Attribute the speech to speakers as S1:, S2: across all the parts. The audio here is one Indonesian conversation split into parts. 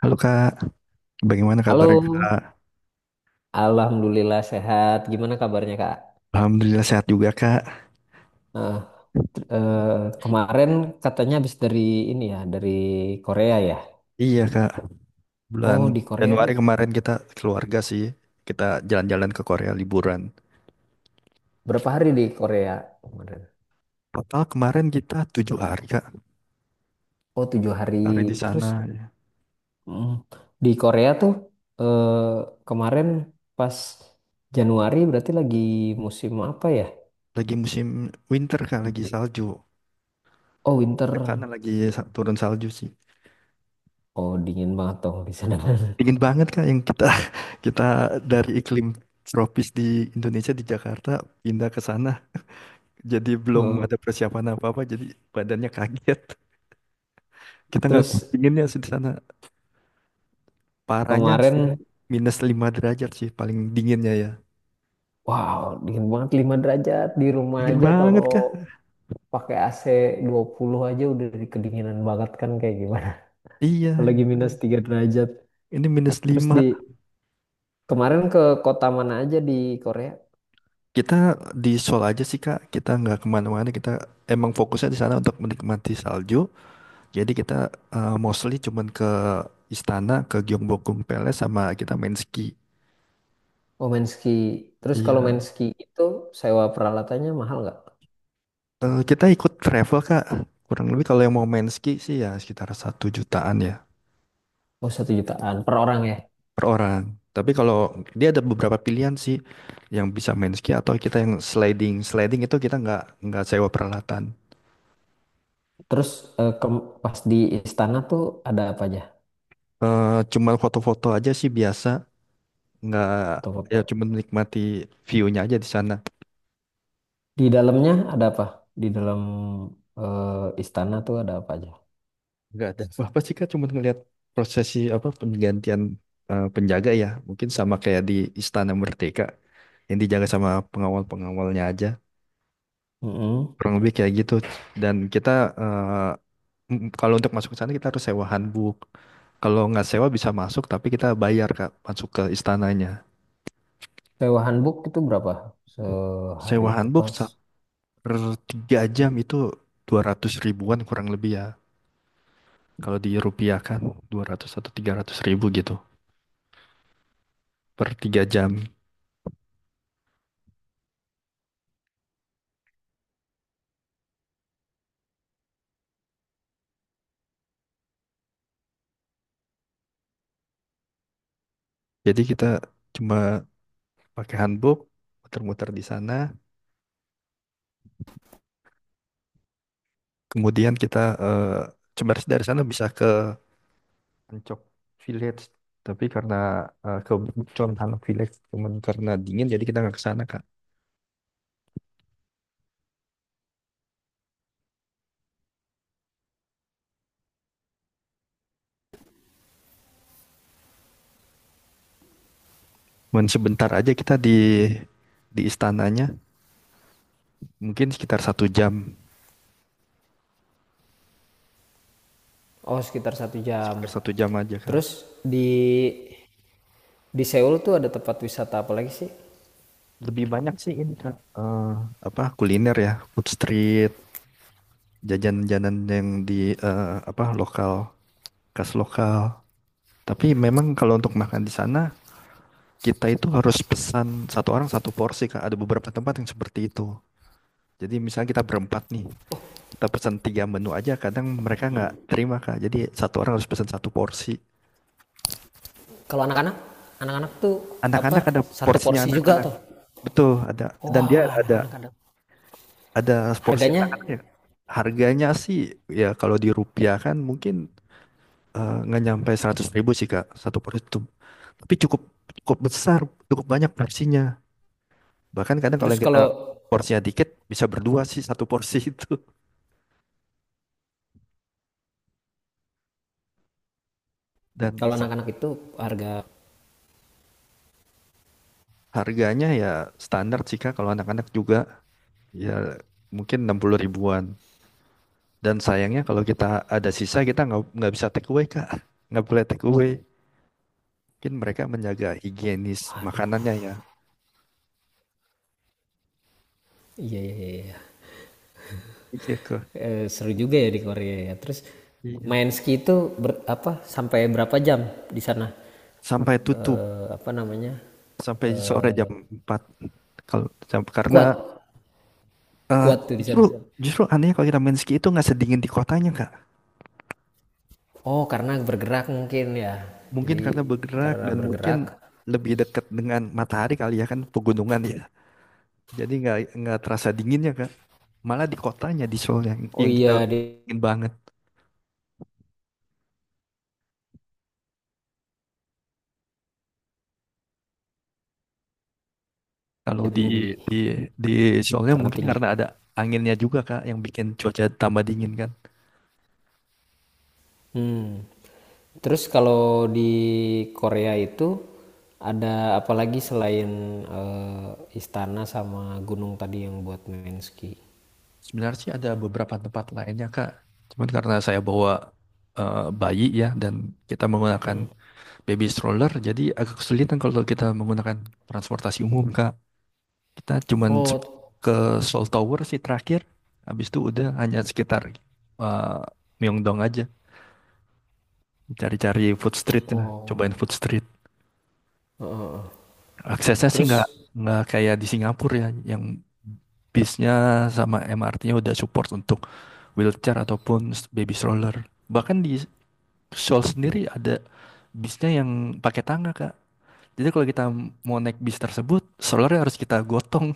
S1: Halo Kak, bagaimana kabarnya
S2: Halo,
S1: Kak?
S2: Alhamdulillah sehat. Gimana kabarnya Kak?
S1: Alhamdulillah sehat juga Kak.
S2: Nah, t- eh, kemarin katanya habis dari ini ya, dari Korea ya.
S1: Iya Kak, bulan
S2: Oh, di Korea
S1: Januari kemarin kita keluarga sih, kita jalan-jalan ke Korea liburan.
S2: berapa hari di Korea kemarin?
S1: Total kemarin kita 7 hari Kak,
S2: Oh, tujuh hari.
S1: hari di
S2: Terus
S1: sana. Ya.
S2: mm, di Korea tuh eh, kemarin pas Januari berarti lagi musim apa ya?
S1: Lagi musim winter Kak, lagi salju.
S2: Oh,
S1: Karena
S2: winter.
S1: lagi turun salju sih.
S2: Oh, dingin banget dong di sana.
S1: Dingin banget Kak yang kita kita dari iklim tropis di Indonesia di Jakarta pindah ke sana. Jadi belum
S2: Heeh.
S1: ada persiapan apa-apa, jadi badannya kaget. Kita nggak kuat
S2: Terus
S1: dinginnya sih di sana. Parahnya
S2: kemarin.
S1: suhu -5 derajat sih paling dinginnya ya.
S2: Wow, dingin banget 5 derajat di rumah
S1: Dingin
S2: aja
S1: banget
S2: kalau
S1: kah?
S2: pakai AC puluh aja udah di- kedinginan banget kan kayak gimana.
S1: Iya,
S2: Apalagi minus 3 derajat.
S1: ini minus
S2: Terus di
S1: 5.
S2: kemarin ke kota mana aja di Korea?
S1: Kita di Seoul aja sih Kak, kita nggak kemana-mana. Kita emang fokusnya di sana untuk menikmati salju. Jadi kita mostly cuman ke istana, ke Gyeongbokgung Palace sama kita main ski.
S2: Oh main ski. Terus kalau
S1: Iya.
S2: main ski itu sewa peralatannya mahal nggak?
S1: Kita ikut travel Kak. Kurang lebih kalau yang mau main ski sih ya sekitar 1 jutaan ya.
S2: Oh satu jutaan per orang ya.
S1: Per orang. Tapi kalau dia ada beberapa pilihan sih yang bisa main ski atau kita yang sliding. Sliding itu kita nggak sewa peralatan.
S2: Terus ke- pas di istana tuh ada apa aja?
S1: Cuma foto-foto aja sih biasa. Nggak, ya
S2: Foto-foto.
S1: cuma menikmati view-nya aja di sana.
S2: Di dalamnya ada apa? Di dalam istana tuh ada apa aja?
S1: Nggak ada apa-apa sih Kak, cuma ngeliat prosesi apa penggantian penjaga ya. Mungkin sama kayak di Istana Merdeka yang dijaga sama pengawal-pengawalnya aja.
S2: Mm-mm.
S1: Kurang lebih kayak gitu. Dan kita, eh, kalau untuk masuk ke sana kita harus sewa hanbok. Kalau nggak sewa bisa masuk, tapi kita bayar Kak, masuk ke istananya.
S2: Sewa handbook itu berapa sehari?
S1: Sewa
S2: Apa?
S1: hanbok per 3 jam itu 200 ribuan kurang lebih ya. Kalau dirupiahkan 200 atau 300 ribu gitu per 3 jam. Jadi kita cuma pakai hanbok, muter-muter di sana. Kemudian kita, eh, sebenarnya dari sana bisa ke Ancok Village. Tapi karena, ke Bucon Hanok Village, cuman karena dingin jadi kita nggak ke sana Kak. Cuman sebentar aja kita di istananya, mungkin sekitar 1 jam,
S2: Oh, sekitar satu jam.
S1: sekitar satu jam aja Kak.
S2: Terus di di Seoul tuh ada tempat wisata apa lagi sih?
S1: Lebih banyak sih ini Kak. Apa kuliner ya, food street, jajan-jajanan yang di, apa lokal, khas lokal. Tapi memang kalau untuk makan di sana, kita itu harus pesan satu orang satu porsi Kak. Ada beberapa tempat yang seperti itu. Jadi misalnya kita berempat nih, kita pesan tiga menu aja kadang mereka nggak terima Kak, jadi satu orang harus pesan satu porsi.
S2: Kalau anak-anak, anak-anak tuh apa?
S1: Anak-anak ada
S2: Satu
S1: porsinya
S2: porsi juga
S1: anak-anak,
S2: tuh.
S1: betul ada, dan dia
S2: Wow,
S1: ada
S2: anak-anak ada.
S1: ada porsi
S2: Harganya?
S1: anak anaknya. Harganya sih, ya kalau di rupiah kan mungkin, nggak nyampe 100 ribu sih Kak satu porsi itu. Tapi cukup, cukup besar, cukup banyak porsinya. Bahkan kadang kalau
S2: Terus
S1: yang kita
S2: kalau
S1: porsinya dikit bisa berdua sih satu porsi itu. Dan
S2: kalau anak-anak itu harga,
S1: harganya ya standar sih Kak, kalau anak-anak juga ya mungkin 60 ribuan. Dan sayangnya kalau kita ada sisa kita nggak bisa take away Kak. Nggak boleh take away. Mungkin mereka menjaga higienis
S2: aduh,
S1: makanannya ya.
S2: iya iya iya. Iya.
S1: Iya kok.
S2: Seru juga ya di Korea ya. Terus
S1: Iya.
S2: main ski itu apa sampai berapa jam di sana?
S1: Sampai tutup,
S2: Eh, apa namanya?
S1: sampai sore
S2: Eh,
S1: jam 4. Karena,
S2: kuat,
S1: eh,
S2: kuat tuh di
S1: justru
S2: sana.
S1: justru aneh kalau kita main ski itu nggak sedingin di kotanya Kak.
S2: Oh, karena bergerak mungkin ya.
S1: Mungkin
S2: Jadi
S1: karena bergerak
S2: karena
S1: dan mungkin
S2: bergerak.
S1: lebih dekat dengan matahari kali ya, kan pegunungan ya. Jadi nggak terasa dinginnya Kak. Malah di kotanya di Seoul yang
S2: Oh
S1: yang kita
S2: iya, dia
S1: ingin banget. Kalau di
S2: tinggi
S1: di di Sholnya
S2: karena
S1: mungkin
S2: tinggi.
S1: karena ada anginnya juga Kak yang bikin cuaca tambah dingin kan.
S2: Hmm. Terus kalau di Korea itu ada apalagi selain eh, istana sama gunung tadi yang buat main ski?
S1: Sebenarnya sih ada beberapa tempat lainnya Kak. Cuman karena saya bawa, bayi ya, dan kita menggunakan baby stroller jadi agak kesulitan kalau kita menggunakan transportasi umum Kak. Kita cuman
S2: Oh t-
S1: ke Seoul Tower sih terakhir. Habis itu udah hanya sekitar, eh, Myeongdong aja. Cari-cari food street lah.
S2: oh,
S1: Cobain food street.
S2: heeh heeh.
S1: Aksesnya sih nggak
S2: Terus
S1: nggak kayak di Singapura ya, yang bisnya sama MRT-nya udah support untuk wheelchair ataupun baby stroller. Bahkan di Seoul sendiri ada bisnya yang pakai tangga, Kak. Jadi kalau kita mau naik bis tersebut, strollernya harus kita gotong.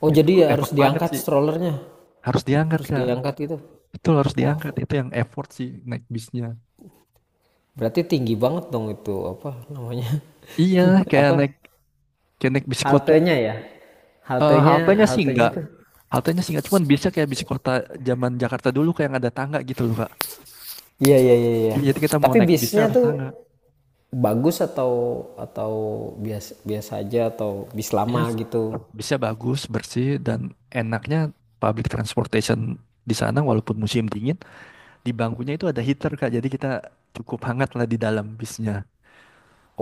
S2: oh
S1: Itu
S2: jadi ya harus
S1: effort banget
S2: diangkat
S1: sih.
S2: strollernya.
S1: Harus diangkat,
S2: Harus
S1: Kak.
S2: diangkat gitu?
S1: Betul harus
S2: Oh,
S1: diangkat. Itu yang effort sih naik bisnya.
S2: berarti tinggi banget dong itu, apa namanya?
S1: Iya, kayak
S2: Apa,
S1: naik kayak naik bis kota.
S2: haltenya ya?
S1: Kayak
S2: Haltenya
S1: haltenya gitu sih
S2: haltenya
S1: enggak,
S2: tuh
S1: biasanya. Haltenya sih enggak, cuman biasa kayak bis kota zaman Jakarta dulu kayak yang ada tangga gitu loh, Kak.
S2: iya iya iya iya.
S1: Iya, jadi kita mau
S2: Tapi
S1: naik bisnya
S2: bisnya
S1: harus
S2: tuh
S1: tangga.
S2: bagus atau biasa biasa aja atau bis
S1: Bisnya,
S2: lama gitu?
S1: bisnya bagus, bersih, dan enaknya public transportation di sana walaupun musim dingin, di bangkunya itu ada heater, Kak. Jadi kita cukup hangat lah di dalam bisnya.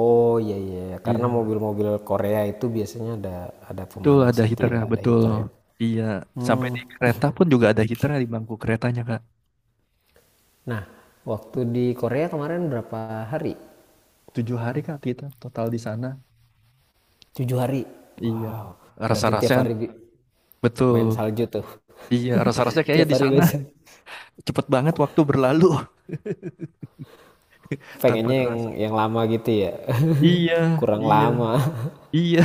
S2: Oh iya iya, iya. Karena
S1: Iya,
S2: mobil-mobil Korea itu biasanya ada
S1: betul
S2: pemanas
S1: ada
S2: gitu ya,
S1: heaternya,
S2: ada
S1: betul.
S2: heater ya.
S1: Iya, sampai di kereta pun juga ada heaternya di bangku keretanya, Kak.
S2: Nah, waktu di Korea kemarin berapa hari?
S1: Tujuh hari, Kak, kita total di sana.
S2: Tujuh hari.
S1: Iya,
S2: Wow, berarti tiap
S1: rasa-rasanya
S2: hari main
S1: betul.
S2: salju tuh.
S1: Iya, rasa-rasanya kayaknya
S2: Tiap
S1: di
S2: hari
S1: sana
S2: main salju.
S1: cepet banget waktu berlalu tanpa
S2: Pengennya yang
S1: terasa.
S2: yang lama gitu ya.
S1: Iya,
S2: Kurang
S1: iya,
S2: lama.
S1: iya.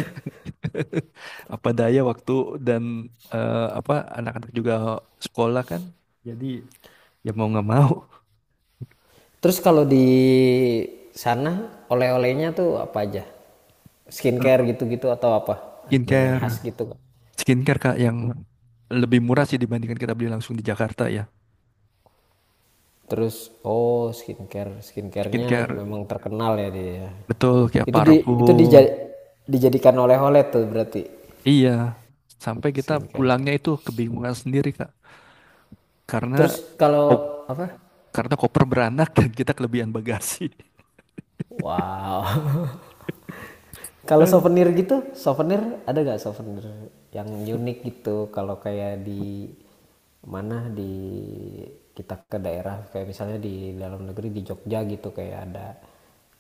S1: Apa daya waktu dan, apa anak-anak juga sekolah kan. Jadi ya mau nggak mau
S2: Terus kalau di sana oleh-olehnya tuh apa aja? Skincare gitu-gitu atau apa? Ada yang
S1: skincare,
S2: khas gitu?
S1: skincare Kak yang lebih murah sih dibandingkan kita beli langsung di Jakarta ya.
S2: Terus oh skincare, skincarenya
S1: Skincare
S2: memang terkenal ya dia ya.
S1: betul kayak
S2: Itu di itu dija
S1: parfum.
S2: dijadikan oleh-oleh tuh berarti
S1: Iya, sampai kita
S2: skincare.
S1: pulangnya itu kebingungan sendiri Kak
S2: Terus
S1: karena
S2: kalau apa?
S1: karena koper beranak dan kita kelebihan bagasi.
S2: Wow. Kalau
S1: Eh,
S2: souvenir gitu, souvenir ada gak souvenir yang unik gitu? Kalau kayak di mana di kita ke daerah kayak misalnya di dalam negeri di Jogja gitu kayak ada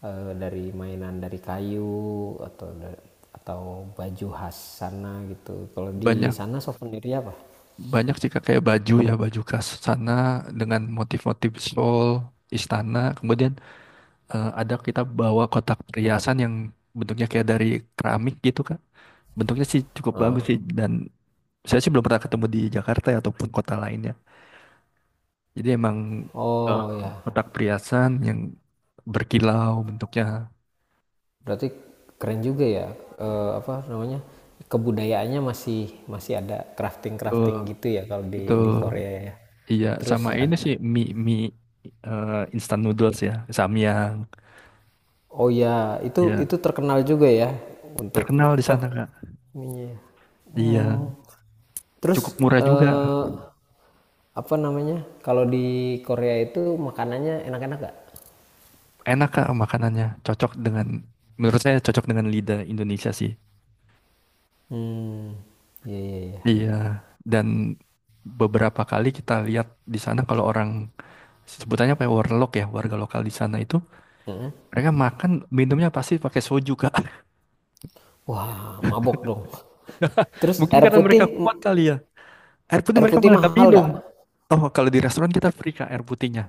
S2: dari mainan dari kayu atau baju khas sana gitu. Kalau di
S1: Banyak,
S2: sana souvenirnya apa?
S1: banyak sih Kak, kayak baju ya baju khas sana dengan motif-motif shawl istana. Kemudian, ada kita bawa kotak perhiasan yang bentuknya kayak dari keramik gitu Kak. Bentuknya sih cukup bagus
S2: Heeh.
S1: sih, dan saya sih belum pernah ketemu di Jakarta ya, ataupun kota lainnya. Jadi emang, eh,
S2: Oh ya,
S1: kotak perhiasan yang berkilau bentuknya.
S2: berarti keren juga ya apa namanya? Kebudayaannya masih masih ada
S1: Betul,
S2: crafting-crafting gitu ya kalau di
S1: betul.
S2: di Korea ya.
S1: Iya,
S2: Terus
S1: sama ini
S2: ad-
S1: sih mie mie, instant noodles ya, Samyang.
S2: oh ya, itu
S1: Ya,
S2: terkenal juga ya untuk
S1: terkenal di
S2: apa?
S1: sana, Kak.
S2: Ininya.
S1: Iya,
S2: Hmm.
S1: cukup
S2: Terus
S1: murah juga.
S2: eh, apa namanya? Kalau di Korea itu makanannya enak-enak gak?
S1: Enak, Kak, makanannya. Cocok dengan menurut saya cocok dengan lidah Indonesia sih.
S2: Hmm, iya iya iya.
S1: Iya, dan beberapa kali kita lihat di sana kalau orang sebutannya apa ya, warlock ya, warga lokal di sana itu
S2: Mm-mm.
S1: mereka makan minumnya pasti pakai soju, Kak.
S2: Wah, mabok dong. Terus
S1: Mungkin karena mereka kuat kali ya. Air putih
S2: air
S1: mereka
S2: putih
S1: malah nggak
S2: mahal
S1: minum.
S2: gak?
S1: Oh, kalau di restoran kita free Kak air putihnya.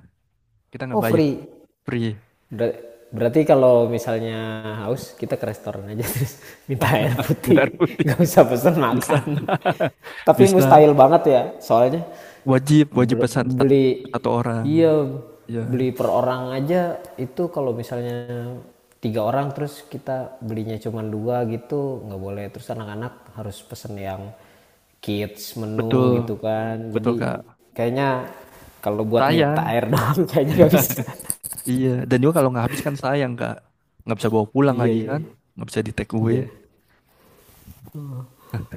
S1: Kita nggak
S2: Oh
S1: bayar,
S2: free.
S1: free.
S2: Ber- berarti kalau misalnya haus kita ke restoran aja terus minta air
S1: Bentar
S2: putih
S1: putih
S2: nggak usah pesan
S1: bisa
S2: makan tapi
S1: bisa
S2: mustahil banget ya soalnya
S1: wajib wajib
S2: ber-
S1: pesan
S2: beli
S1: satu orang.
S2: iya
S1: Ya,
S2: beli per orang aja itu kalau misalnya tiga orang terus kita belinya cuma dua gitu nggak boleh terus anak-anak harus pesen yang kids
S1: betul
S2: menu gitu kan
S1: betul
S2: jadi
S1: Kak,
S2: kayaknya kalau buat
S1: sayang.
S2: minta air doang kayaknya nggak bisa.
S1: Iya, dan juga kalau nggak habis kan sayang Kak, nggak bisa bawa pulang
S2: Iya,
S1: lagi
S2: iya.
S1: kan, nggak bisa di take away.
S2: Iya.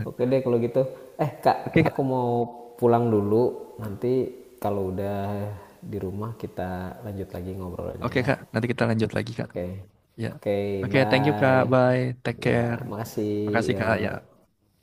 S2: Oke deh kalau gitu. Eh,
S1: Oke
S2: Kak,
S1: Kak,
S2: aku mau pulang dulu. Nanti kalau udah di rumah kita lanjut lagi ngobrolnya
S1: oke
S2: ya.
S1: Kak, nanti kita lanjut lagi Kak,
S2: Oke.
S1: ya.
S2: Oke,
S1: Oke, thank you Kak,
S2: bye.
S1: bye, take
S2: Ya,
S1: care.
S2: makasih.
S1: Makasih Kak, ya.
S2: Ya